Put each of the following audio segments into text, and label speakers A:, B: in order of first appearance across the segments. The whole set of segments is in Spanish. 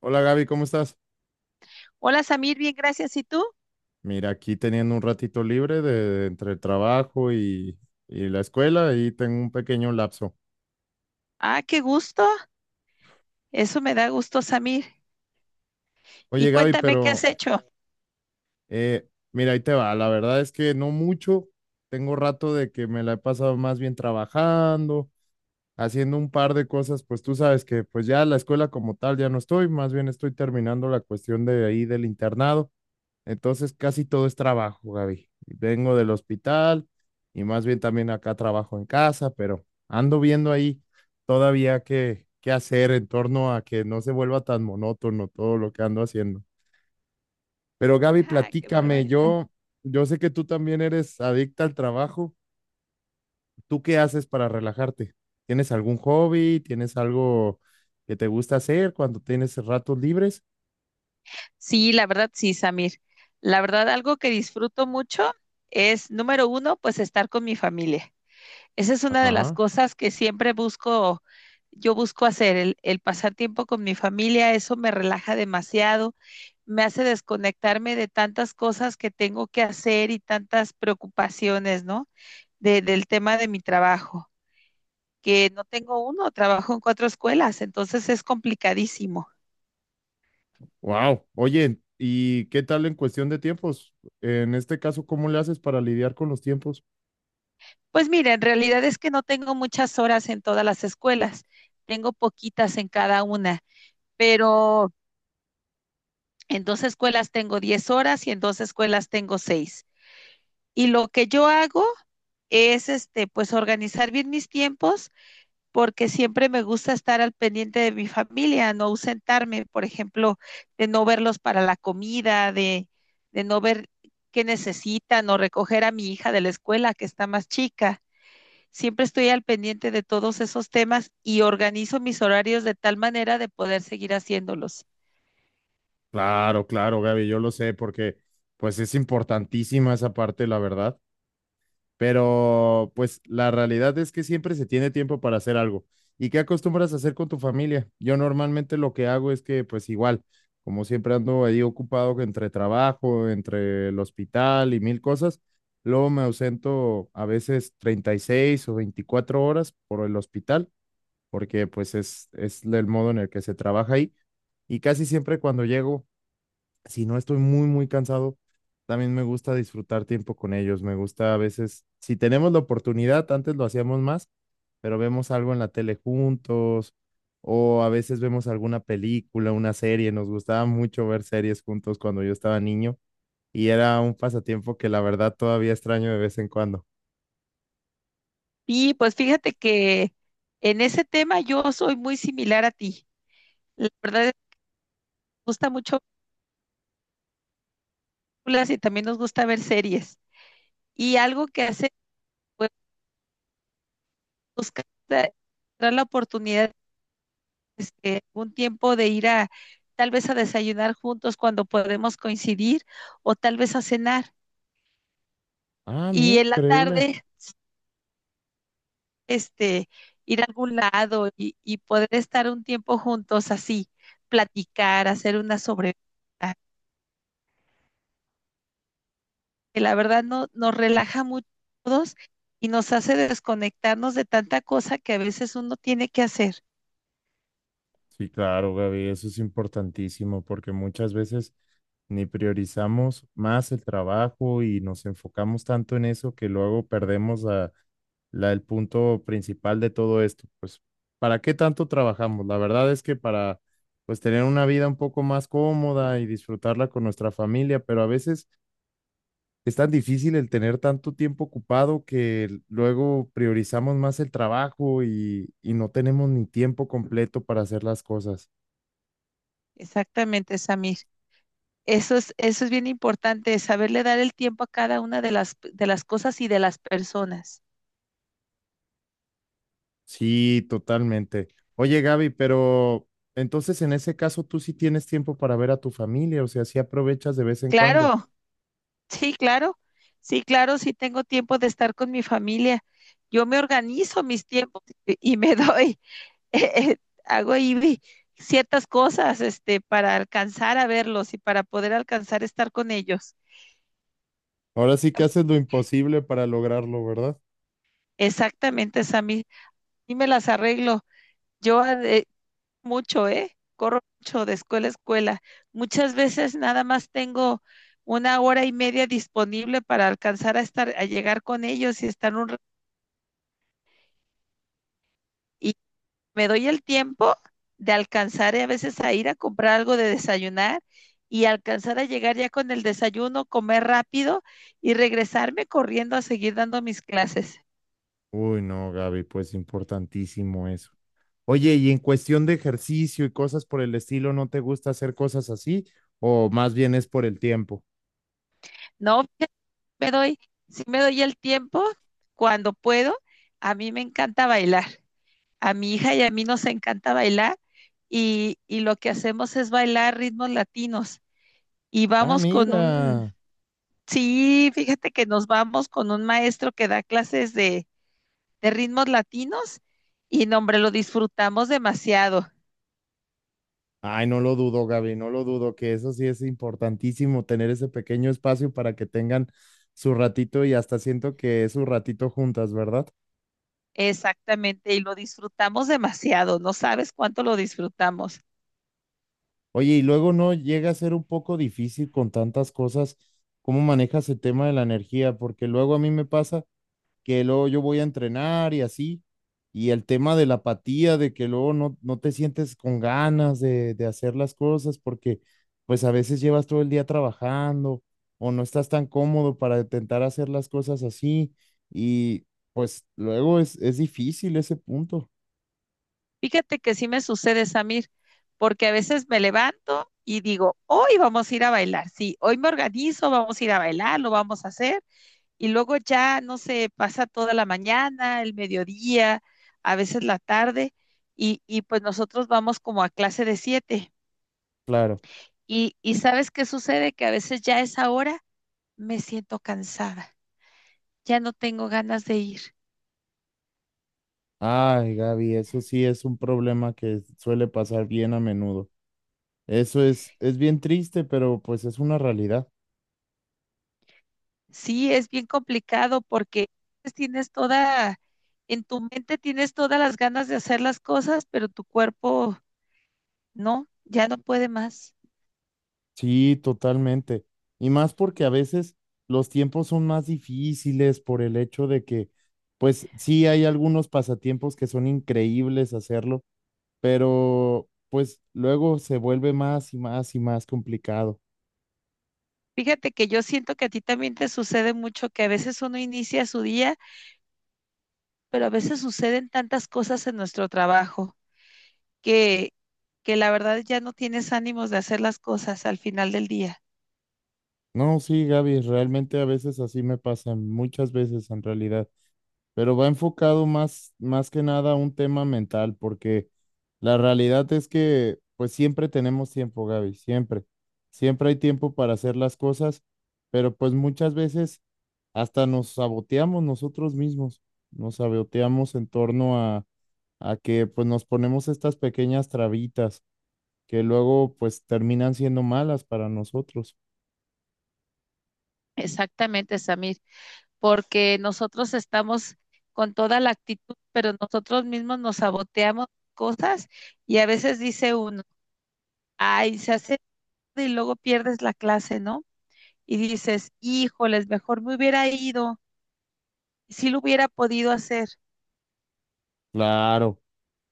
A: Hola Gaby, ¿cómo estás?
B: Hola Samir, bien, gracias. ¿Y tú?
A: Mira, aquí teniendo un ratito libre de entre el trabajo y la escuela y tengo un pequeño lapso.
B: Ah, qué gusto. Eso me da gusto, Samir. Y
A: Oye Gaby,
B: cuéntame qué has
A: pero
B: hecho.
A: mira, ahí te va. La verdad es que no mucho. Tengo rato de que me la he pasado más bien trabajando, haciendo un par de cosas. Pues tú sabes que pues ya la escuela como tal ya no estoy, más bien estoy terminando la cuestión de ahí del internado. Entonces casi todo es trabajo, Gaby. Vengo del hospital y más bien también acá trabajo en casa, pero ando viendo ahí todavía qué hacer en torno a que no se vuelva tan monótono todo lo que ando haciendo. Pero Gaby,
B: Ah, qué
A: platícame,
B: barbaridad.
A: yo sé que tú también eres adicta al trabajo. ¿Tú qué haces para relajarte? ¿Tienes algún hobby? ¿Tienes algo que te gusta hacer cuando tienes ratos libres?
B: Sí, la verdad, sí, Samir. La verdad, algo que disfruto mucho es, número uno, pues estar con mi familia. Esa es una de las
A: Ajá.
B: cosas que siempre busco, yo busco hacer, el pasar tiempo con mi familia, eso me relaja demasiado, me hace desconectarme de tantas cosas que tengo que hacer y tantas preocupaciones, ¿no? Del tema de mi trabajo, que no tengo uno, trabajo en cuatro escuelas, entonces es complicadísimo.
A: Wow. Oye, ¿y qué tal en cuestión de tiempos? En este caso, ¿cómo le haces para lidiar con los tiempos?
B: Pues mira, en realidad es que no tengo muchas horas en todas las escuelas, tengo poquitas en cada una, pero en dos escuelas tengo 10 horas y en dos escuelas tengo seis. Y lo que yo hago es pues organizar bien mis tiempos porque siempre me gusta estar al pendiente de mi familia, no ausentarme, por ejemplo, de no verlos para la comida, de no ver qué necesitan o recoger a mi hija de la escuela que está más chica. Siempre estoy al pendiente de todos esos temas y organizo mis horarios de tal manera de poder seguir haciéndolos.
A: Claro, claro, Gaby, yo lo sé, porque pues es importantísima esa parte, la verdad. Pero pues la realidad es que siempre se tiene tiempo para hacer algo. ¿Y qué acostumbras a hacer con tu familia? Yo normalmente lo que hago es que pues igual, como siempre ando ahí ocupado entre trabajo, entre el hospital y mil cosas, luego me ausento a veces 36 o 24 horas por el hospital, porque pues es el modo en el que se trabaja ahí. Y casi siempre cuando llego si no estoy muy cansado, también me gusta disfrutar tiempo con ellos. Me gusta a veces, si tenemos la oportunidad, antes lo hacíamos más, pero vemos algo en la tele juntos o a veces vemos alguna película, una serie. Nos gustaba mucho ver series juntos cuando yo estaba niño y era un pasatiempo que la verdad todavía extraño de vez en cuando.
B: Sí, pues fíjate que en ese tema yo soy muy similar a ti. La verdad es que nos gusta mucho películas y también nos gusta ver series. Y algo que hace, pues, buscar la encontrar la oportunidad, un tiempo de ir a, tal vez a desayunar juntos cuando podemos coincidir, o tal vez a cenar.
A: Ah, mira,
B: Y en la
A: increíble.
B: tarde, este, ir a algún lado y poder estar un tiempo juntos así, platicar, hacer una sobre que la verdad no, nos relaja mucho a todos y nos hace desconectarnos de tanta cosa que a veces uno tiene que hacer.
A: Sí, claro, Gaby, eso es importantísimo porque muchas veces ni priorizamos más el trabajo y nos enfocamos tanto en eso que luego perdemos a el punto principal de todo esto. Pues, ¿para qué tanto trabajamos? La verdad es que para, pues, tener una vida un poco más cómoda y disfrutarla con nuestra familia, pero a veces es tan difícil el tener tanto tiempo ocupado que luego priorizamos más el trabajo y no tenemos ni tiempo completo para hacer las cosas.
B: Exactamente, Samir. Eso es bien importante, saberle dar el tiempo a cada una de las cosas y de las personas.
A: Sí, totalmente. Oye, Gaby, pero entonces en ese caso tú sí tienes tiempo para ver a tu familia, o sea, sí aprovechas de vez en cuando.
B: Claro, sí, claro, sí, claro, sí tengo tiempo de estar con mi familia. Yo me organizo mis tiempos y me doy, eh, eh, hago ahí ciertas cosas, para alcanzar a verlos y para poder alcanzar a estar con ellos.
A: Ahora sí que haces lo imposible para lograrlo, ¿verdad?
B: Exactamente, Sammy. Y me las arreglo. Yo mucho, ¿eh? Corro mucho de escuela a escuela. Muchas veces nada más tengo 1 hora y media disponible para alcanzar a estar, a llegar con ellos y estar un y me doy el tiempo de alcanzar a veces a ir a comprar algo de desayunar y alcanzar a llegar ya con el desayuno, comer rápido y regresarme corriendo a seguir dando mis clases.
A: Uy, no, Gaby, pues importantísimo eso. Oye, y en cuestión de ejercicio y cosas por el estilo, ¿no te gusta hacer cosas así? ¿O más bien es por el tiempo?
B: No, me doy, sí me doy el tiempo cuando puedo. A mí me encanta bailar. A mi hija y a mí nos encanta bailar y lo que hacemos es bailar ritmos latinos y
A: Ah,
B: vamos con un,
A: mira.
B: sí, fíjate que nos vamos con un maestro que da clases de ritmos latinos y no, hombre, lo disfrutamos demasiado.
A: Ay, no lo dudo, Gaby, no lo dudo, que eso sí es importantísimo, tener ese pequeño espacio para que tengan su ratito y hasta siento que es su ratito juntas, ¿verdad?
B: Exactamente, y lo disfrutamos demasiado, no sabes cuánto lo disfrutamos.
A: Oye, y luego no llega a ser un poco difícil con tantas cosas, ¿cómo manejas el tema de la energía? Porque luego a mí me pasa que luego yo voy a entrenar y así. Y el tema de la apatía, de que luego no te sientes con ganas de hacer las cosas porque pues a veces llevas todo el día trabajando o no estás tan cómodo para intentar hacer las cosas así. Y pues luego es difícil ese punto,
B: Fíjate que sí me sucede, Samir, porque a veces me levanto y digo, hoy vamos a ir a bailar, sí, hoy me organizo, vamos a ir a bailar, lo vamos a hacer, y luego ya, no sé, pasa toda la mañana, el mediodía, a veces la tarde, y pues nosotros vamos como a clase de 7,
A: claro.
B: y ¿sabes qué sucede? Que a veces ya a esa hora me siento cansada, ya no tengo ganas de ir.
A: Ay, Gaby, eso sí es un problema que suele pasar bien a menudo. Es bien triste, pero pues es una realidad.
B: Sí, es bien complicado porque pues, tienes toda, en tu mente tienes todas las ganas de hacer las cosas, pero tu cuerpo no, ya no puede más.
A: Sí, totalmente. Y más porque a veces los tiempos son más difíciles por el hecho de que, pues sí, hay algunos pasatiempos que son increíbles hacerlo, pero pues luego se vuelve más y más y más complicado.
B: Fíjate que yo siento que a ti también te sucede mucho que a veces uno inicia su día, pero a veces suceden tantas cosas en nuestro trabajo que, que la verdad ya no tienes ánimos de hacer las cosas al final del día.
A: No, sí, Gaby, realmente a veces así me pasa, muchas veces en realidad. Pero va enfocado más que nada a un tema mental, porque la realidad es que pues siempre tenemos tiempo, Gaby, siempre. Siempre hay tiempo para hacer las cosas, pero pues muchas veces hasta nos saboteamos nosotros mismos, nos saboteamos en torno a que pues nos ponemos estas pequeñas trabitas que luego pues terminan siendo malas para nosotros.
B: Exactamente, Samir. Porque nosotros estamos con toda la actitud, pero nosotros mismos nos saboteamos cosas y a veces dice uno, ay, se hace y luego pierdes la clase, ¿no? Y dices, híjoles, mejor me hubiera ido, si lo hubiera podido hacer,
A: Claro.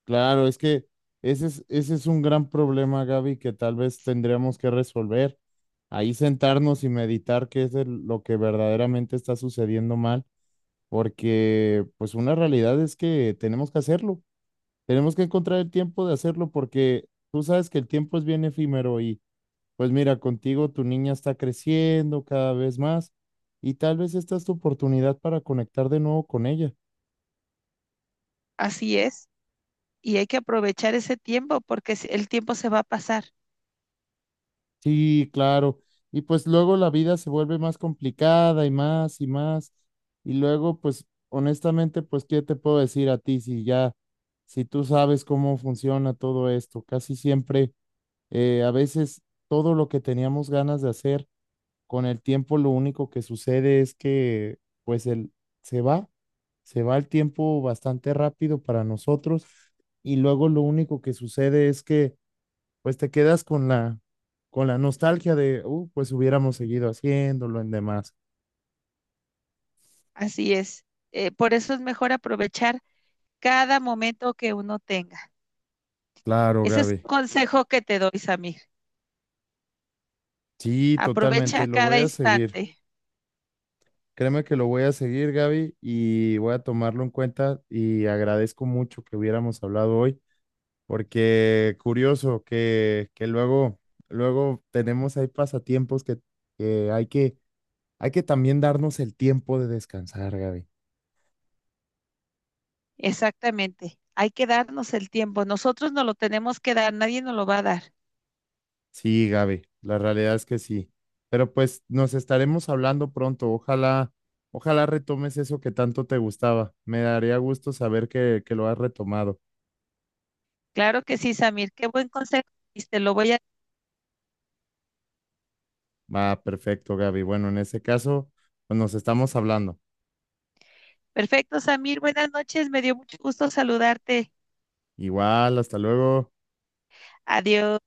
A: Claro, es que ese es un gran problema, Gaby, que tal vez tendríamos que resolver. Ahí sentarnos y meditar qué es lo que verdaderamente está sucediendo mal, porque pues una realidad es que tenemos que hacerlo. Tenemos que encontrar el tiempo de hacerlo porque tú sabes que el tiempo es bien efímero y pues mira, contigo tu niña está creciendo cada vez más y tal vez esta es tu oportunidad para conectar de nuevo con ella.
B: así es, y hay que aprovechar ese tiempo porque si, el tiempo se va a pasar,
A: Sí, claro. Y pues luego la vida se vuelve más complicada y más y más. Y luego, pues honestamente, pues, ¿qué te puedo decir a ti si ya, si tú sabes cómo funciona todo esto? Casi siempre, a veces todo lo que teníamos ganas de hacer, con el tiempo lo único que sucede es que, pues, se va, se va el tiempo bastante rápido para nosotros. Y luego lo único que sucede es que pues te quedas con con la nostalgia de, pues hubiéramos seguido haciéndolo en demás.
B: así es. Por eso es mejor aprovechar cada momento que uno tenga.
A: Claro,
B: Ese es
A: Gaby.
B: un consejo que te doy, Samir.
A: Sí, totalmente,
B: Aprovecha
A: lo voy
B: cada
A: a seguir.
B: instante.
A: Créeme que lo voy a seguir, Gaby, y voy a tomarlo en cuenta y agradezco mucho que hubiéramos hablado hoy, porque curioso que luego, luego tenemos ahí pasatiempos que hay hay que también darnos el tiempo de descansar, Gaby.
B: Exactamente. Hay que darnos el tiempo. Nosotros no lo tenemos que dar, nadie nos lo va a dar.
A: Sí, Gaby, la realidad es que sí. Pero pues nos estaremos hablando pronto. Ojalá, ojalá retomes eso que tanto te gustaba. Me daría gusto saber que lo has retomado.
B: Claro que sí, Samir. Qué buen consejo. Te lo voy a...
A: Va, perfecto, Gaby. Bueno, en ese caso, pues nos estamos hablando.
B: Perfecto, Samir. Buenas noches. Me dio mucho gusto saludarte.
A: Igual, hasta luego.
B: Adiós.